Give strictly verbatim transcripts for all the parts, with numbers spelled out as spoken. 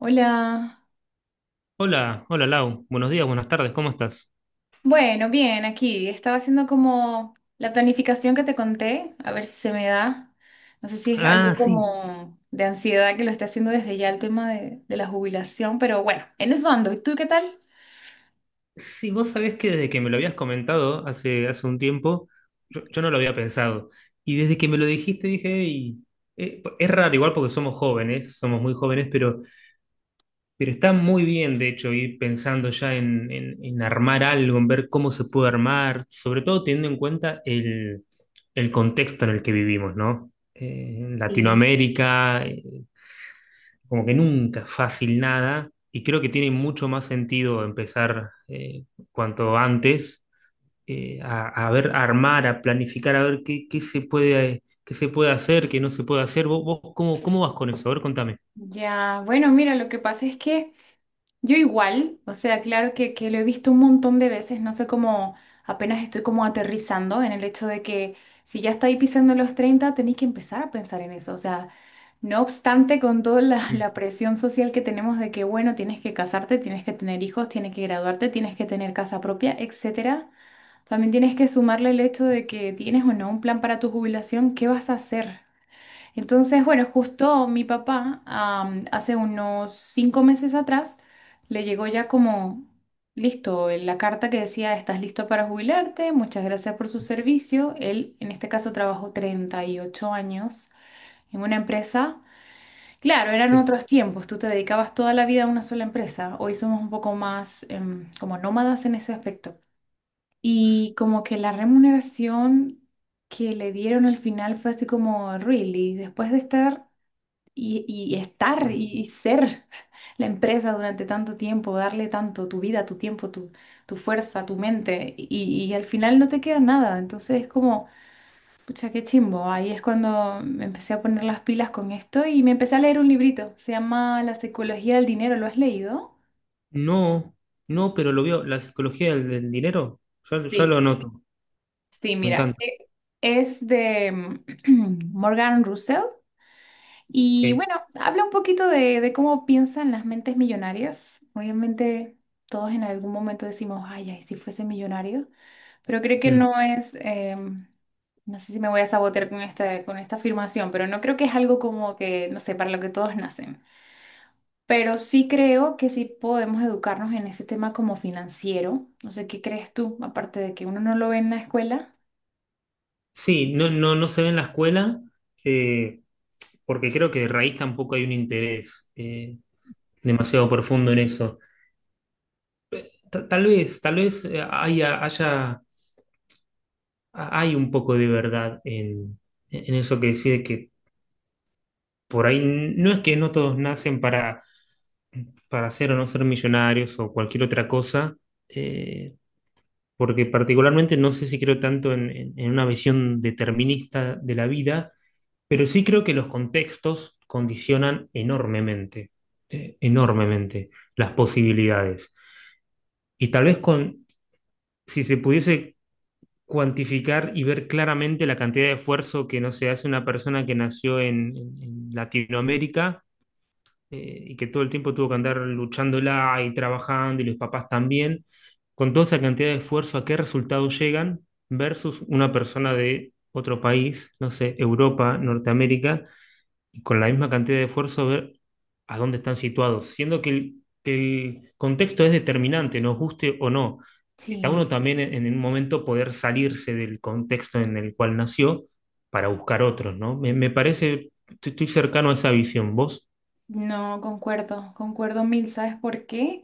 Hola. Hola, hola Lau, buenos días, buenas tardes, ¿cómo estás? Bueno, bien, aquí. Estaba haciendo como la planificación que te conté, a ver si se me da. No sé si es algo Ah, sí, como de ansiedad que lo esté haciendo desde ya el tema de, de la jubilación, pero bueno, en eso ando. ¿Y tú qué tal? sí, vos sabés que desde que me lo habías comentado hace, hace un tiempo, yo, yo no lo había pensado. Y desde que me lo dijiste dije, "Ey, eh, es raro igual porque somos jóvenes, somos muy jóvenes, pero, pero está muy bien de hecho ir pensando ya en, en- en armar algo, en ver cómo se puede armar, sobre todo teniendo en cuenta el, el contexto en el que vivimos, ¿no? Eh, Y Latinoamérica. Como que nunca fácil nada, y creo que tiene mucho más sentido empezar eh, cuanto antes eh, a, a ver, a armar, a planificar, a ver qué, qué se puede, eh, qué se puede hacer, qué no se puede hacer. ¿Vos, vos cómo, ¿cómo vas con eso? A ver, contame. ya, bueno, mira, lo que pasa es que yo igual, o sea, claro que, que lo he visto un montón de veces, no sé cómo apenas estoy como aterrizando en el hecho de que si ya estáis pisando los treinta tenéis que empezar a pensar en eso, o sea, no obstante con toda la, Mm, la presión social que tenemos de que, bueno, tienes que casarte, tienes que tener hijos, tienes que graduarte, tienes que tener casa propia, etcétera, también tienes que sumarle el hecho de que tienes o no un plan para tu jubilación. ¿Qué vas a hacer? Entonces, bueno, justo mi papá, am, hace unos cinco meses atrás, le llegó ya como listo la carta que decía: "Estás listo para jubilarte, muchas gracias por su servicio". Él, en este caso, trabajó treinta y ocho años en una empresa. Claro, eran sí. otros tiempos, tú te dedicabas toda la vida a una sola empresa. Hoy somos un poco más, em, como nómadas en ese aspecto. Y como que la remuneración que le dieron al final fue así como, really, después de estar y, y estar Mm. y, ser la empresa durante tanto tiempo, darle tanto tu vida, tu tiempo, tu, tu fuerza, tu mente, y, y al final no te queda nada. Entonces es como, pucha, qué chimbo. Ahí es cuando me empecé a poner las pilas con esto y me empecé a leer un librito. Se llama La psicología del dinero. ¿Lo has leído? No, no, pero lo veo, la psicología del, del dinero, ya, ya lo Sí, anoto. sí, Me mira, encanta. e- es de Morgan Russell. Y Ok. bueno, habla un poquito de, de cómo piensan las mentes millonarias. Obviamente todos en algún momento decimos, ay, ay, si fuese millonario, pero creo que Mm. no es, em, no sé si me voy a sabotear con esta, con esta afirmación, pero no creo que es algo como que, no sé, para lo que todos nacen. Pero sí creo que sí podemos educarnos en ese tema como financiero. No sé, ¿qué crees tú? Aparte de que uno no lo ve en la escuela. Sí, no, no, no se ve en la escuela, eh, porque creo que de raíz tampoco hay un interés eh, demasiado profundo en eso. ta- tal vez, tal vez eh, haya, haya- hay un poco de verdad en, en eso que decide que por ahí no es que no todos nacen para, para ser o no ser millonarios o cualquier otra cosa, eh, porque particularmente no sé si creo tanto en, en- en una visión determinista de la vida, pero sí creo que los contextos condicionan enormemente, eh, enormemente las posibilidades. Y tal vez con, si se pudiese cuantificar y ver claramente la cantidad de esfuerzo que, no se hace una persona que nació en, en- en Latinoamérica, eh, y que todo el tiempo tuvo que andar luchándola y trabajando y los papás también, con toda esa cantidad de esfuerzo, ¿a qué resultado llegan versus una persona de otro país, no sé, Europa, Norteamérica? Y con la misma cantidad de esfuerzo ver a dónde están situados, siendo que el, que el contexto es determinante, nos guste o no. Está Sí. uno también en, en un momento poder salirse del contexto en el cual nació para buscar otros, ¿no? Me, me parece, estoy, estoy cercano a esa visión, ¿vos? No, concuerdo, concuerdo mil, ¿sabes por qué?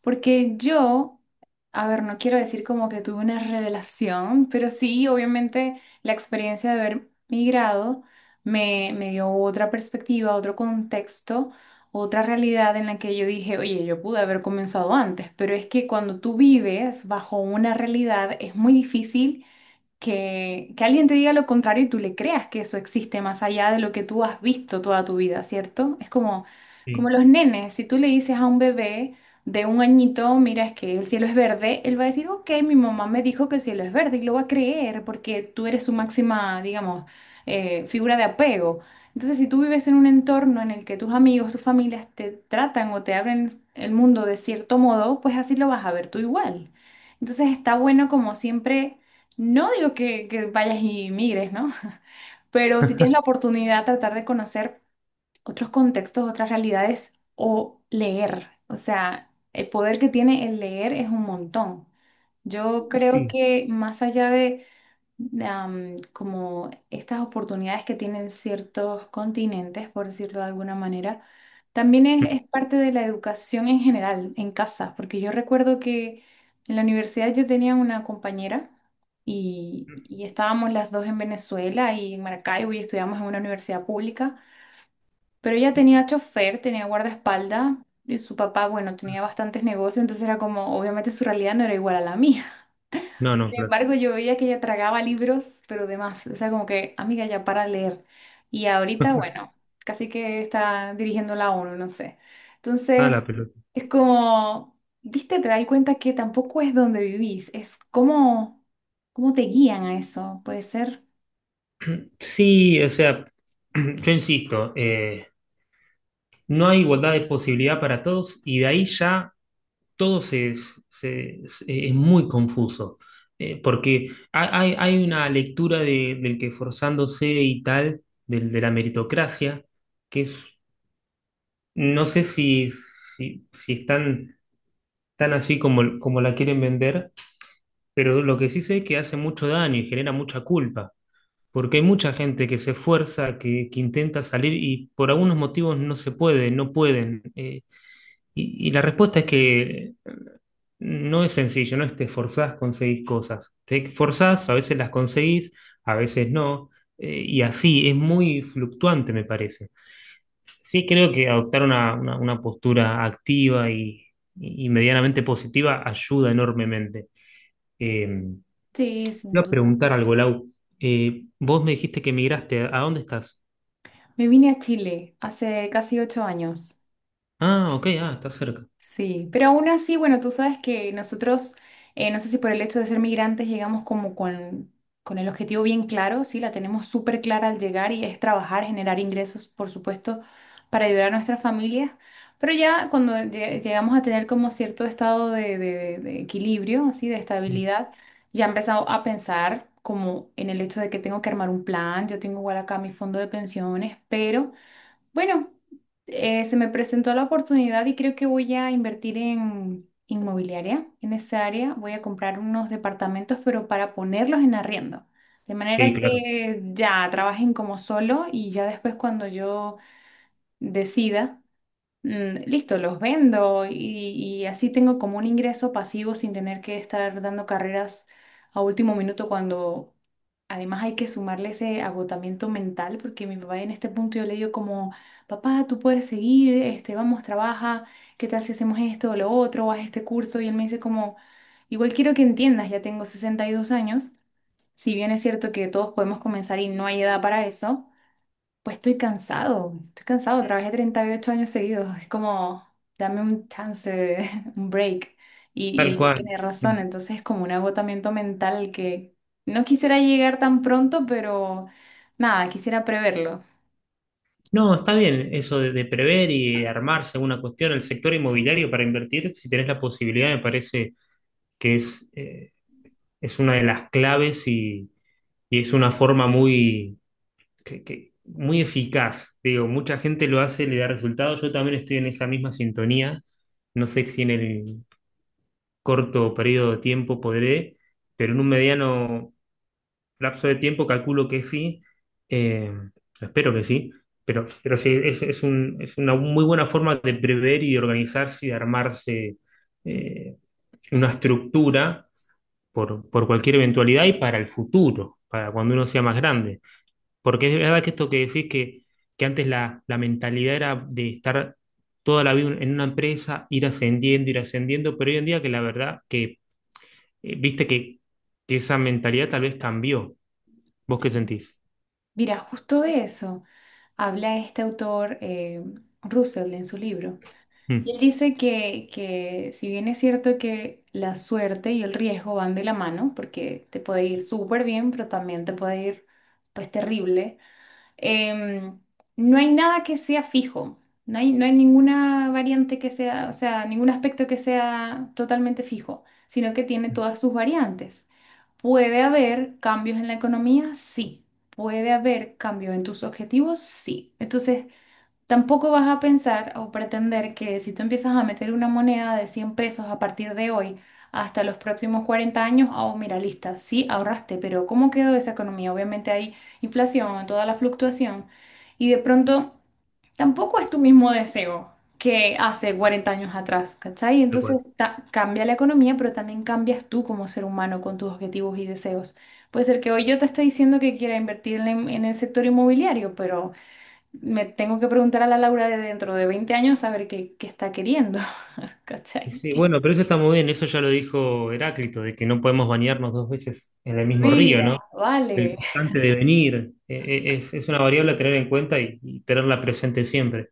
Porque yo, a ver, no quiero decir como que tuve una revelación, pero sí, obviamente la experiencia de haber migrado me, me dio otra perspectiva, otro contexto, otra realidad en la que yo dije, oye, yo pude haber comenzado antes, pero es que cuando tú vives bajo una realidad es muy difícil que, que alguien te diga lo contrario y tú le creas que eso existe más allá de lo que tú has visto toda tu vida, ¿cierto? Es como, Sí, como los nenes, si tú le dices a un bebé de un añito, mira, es que el cielo es verde, él va a decir, ok, mi mamá me dijo que el cielo es verde y lo va a creer porque tú eres su máxima, digamos, eh, figura de apego. Entonces, si tú vives en un entorno en el que tus amigos, tus familias te tratan o te abren el mundo de cierto modo, pues así lo vas a ver tú igual. Entonces está bueno como siempre, no digo que, que vayas y migres, ¿no? Pero si tienes la oportunidad, tratar de conocer otros contextos, otras realidades o leer. O sea, el poder que tiene el leer es un montón. Yo creo sí. que más allá de am, como estas oportunidades que tienen ciertos continentes, por decirlo de alguna manera, también es, Mm. es parte de la educación en general, en casa, porque yo recuerdo que en la universidad yo tenía una compañera y, y estábamos las dos en Venezuela y en Maracaibo y estudiamos en una universidad pública, pero ella tenía chofer, tenía guardaespaldas y su papá, bueno, tenía bastantes negocios, entonces era como, obviamente su realidad no era igual a la mía. No, no, Sin claro. embargo, yo veía que ella tragaba libros, pero demás. O sea, como que, amiga, ya para leer. Y ahorita, bueno, casi que está dirigiendo la ONU, no sé. Ah, Entonces, la pelota. es como, viste, te das cuenta que tampoco es donde vivís, es cómo, cómo te guían a eso, ¿puede ser? Sí, o sea, yo insisto, eh, no hay igualdad de posibilidad para todos y de ahí ya todo se, se- se- es muy confuso, eh, porque ha- hay, hay una lectura de- del que forzándose y tal, del- de la meritocracia, que es, no sé si, si, ¿si es tan, tan así como, como la quieren vender? Pero lo que sí sé es que hace mucho daño y genera mucha culpa, porque hay mucha gente que se esfuerza, que, que intenta salir y por algunos motivos no se puede, no pueden. Eh, y, y la respuesta es que no es sencillo, no es te esforzás, conseguís cosas. Te esforzás, a veces las conseguís, a veces no, eh, y así es muy fluctuante, me parece. Sí creo que adoptar una, una- una postura activa y, y medianamente positiva ayuda enormemente. Eh, Sí, Te sin iba a duda. preguntar algo, Lau. Eh, vos me dijiste que migraste, ¿a dónde estás? Me vine a Chile hace casi ocho años. Ah, ok, ah, estás cerca. Sí, pero aún así, bueno, tú sabes que nosotros, eh, no sé si por el hecho de ser migrantes llegamos como con, con el objetivo bien claro, sí, la tenemos súper clara al llegar y es trabajar, generar ingresos, por supuesto, para ayudar a nuestras familias, pero ya cuando lle- llegamos a tener como cierto estado de, de- de equilibrio, así, de Mm. estabilidad, ya he empezado a pensar como en el hecho de que tengo que armar un plan. Yo tengo igual acá mi fondo de pensiones, pero... Bueno, eh, se me presentó la oportunidad y creo que voy a invertir en inmobiliaria, en esa área. Voy a comprar unos departamentos, pero para ponerlos en arriendo. De manera Sí, claro, que ya trabajen como solo y ya después cuando yo decida, mm, listo, los vendo y, y así tengo como un ingreso pasivo sin tener que estar dando carreras a último minuto cuando... Además hay que sumarle ese agotamiento mental, porque mi papá en este punto yo le digo como, papá, tú puedes seguir, este, vamos, trabaja, ¿qué tal si hacemos esto o lo otro, o haz este curso? Y él me dice como, igual quiero que entiendas, ya tengo sesenta y dos años, si bien es cierto que todos podemos comenzar y no hay edad para eso, pues estoy cansado, estoy cansado, trabajé treinta y ocho años seguidos, es como, dame un chance, de- un break. tal Y, y cual. tiene razón, Mm. entonces es como un agotamiento mental que no quisiera llegar tan pronto, pero nada, quisiera preverlo. No, está bien eso de, de prever y armarse una cuestión. El sector inmobiliario para invertir, si tenés la posibilidad, me parece que es, eh, es una de las claves y, y es una forma muy, que- que- muy eficaz. Digo, mucha gente lo hace, le da resultados. Yo también estoy en esa misma sintonía. No sé si en el corto periodo de tiempo podré, pero en un mediano lapso de tiempo, calculo que sí, eh, espero que sí, pero, pero sí, es, es un- es una muy buena forma de prever y de organizarse y de armarse eh, una estructura por, por cualquier eventualidad y para el futuro, para cuando uno sea más grande. Porque es verdad que esto que decís que, que antes la, la mentalidad era de estar toda la vida en una empresa, ir ascendiendo, ir ascendiendo, pero hoy en día que la verdad que eh, viste que que esa mentalidad tal vez cambió. ¿Vos qué Sí. sentís? Mira, justo de eso habla este autor eh, Russell en su libro. Y Mm, él dice que, que si bien es cierto que la suerte y el riesgo van de la mano, porque te puede ir súper bien, pero también te puede ir pues terrible, em, no hay nada que sea fijo, no hay, no hay ninguna variante que sea, o sea, ningún aspecto que sea totalmente fijo, sino que tiene todas sus variantes. ¿Puede haber cambios en la economía? Sí. ¿Puede haber cambios en tus objetivos? Sí. Entonces... Tampoco vas a pensar o pretender que si tú empiezas a meter una moneda de cien pesos a partir de hoy hasta los próximos cuarenta años, oh, mira, lista, sí ahorraste, pero ¿cómo quedó esa economía? Obviamente hay inflación, toda la fluctuación, y de pronto tampoco es tu mismo deseo que hace tal cuarenta años atrás, ¿cachai? cual. Entonces ta- cambia la economía, pero también cambias tú como ser humano con tus objetivos y deseos. Puede ser que hoy yo te esté diciendo que quiera invertir en, en el sector inmobiliario, pero me tengo que preguntar a la Laura de dentro de veinte años a ver qué, qué está queriendo, Y ¿cachai? sí, bueno, pero eso está muy bien, eso ya lo dijo Heráclito, de que no podemos bañarnos dos veces en el mismo río, Mira, ¿no? El vale. constante devenir, eh, eh, es, es una variable a tener en cuenta y, y tenerla presente siempre.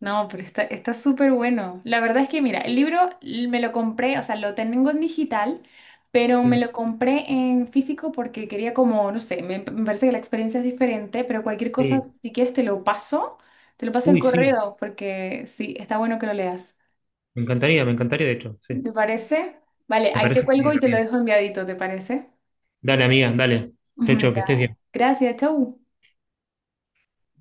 No, pero está, está súper bueno. La verdad es que, mira, el libro l- me lo compré, o sea, lo tengo en digital, pero me Mm, lo compré en físico porque quería como, no sé, me, me parece que la experiencia es diferente, pero cualquier cosa, sí. si quieres, te lo paso, te lo paso el Uy, sí, correo, porque sí, está bueno que lo leas. me encantaría, me encantaría, de hecho, ¿Te sí. parece? Vale, Me ahí te parece cuelgo genial y la te lo piel. dejo enviadito, ¿te parece? Dale, amiga, dale. Chau, chau, que Da. estés bien. Gracias, chau.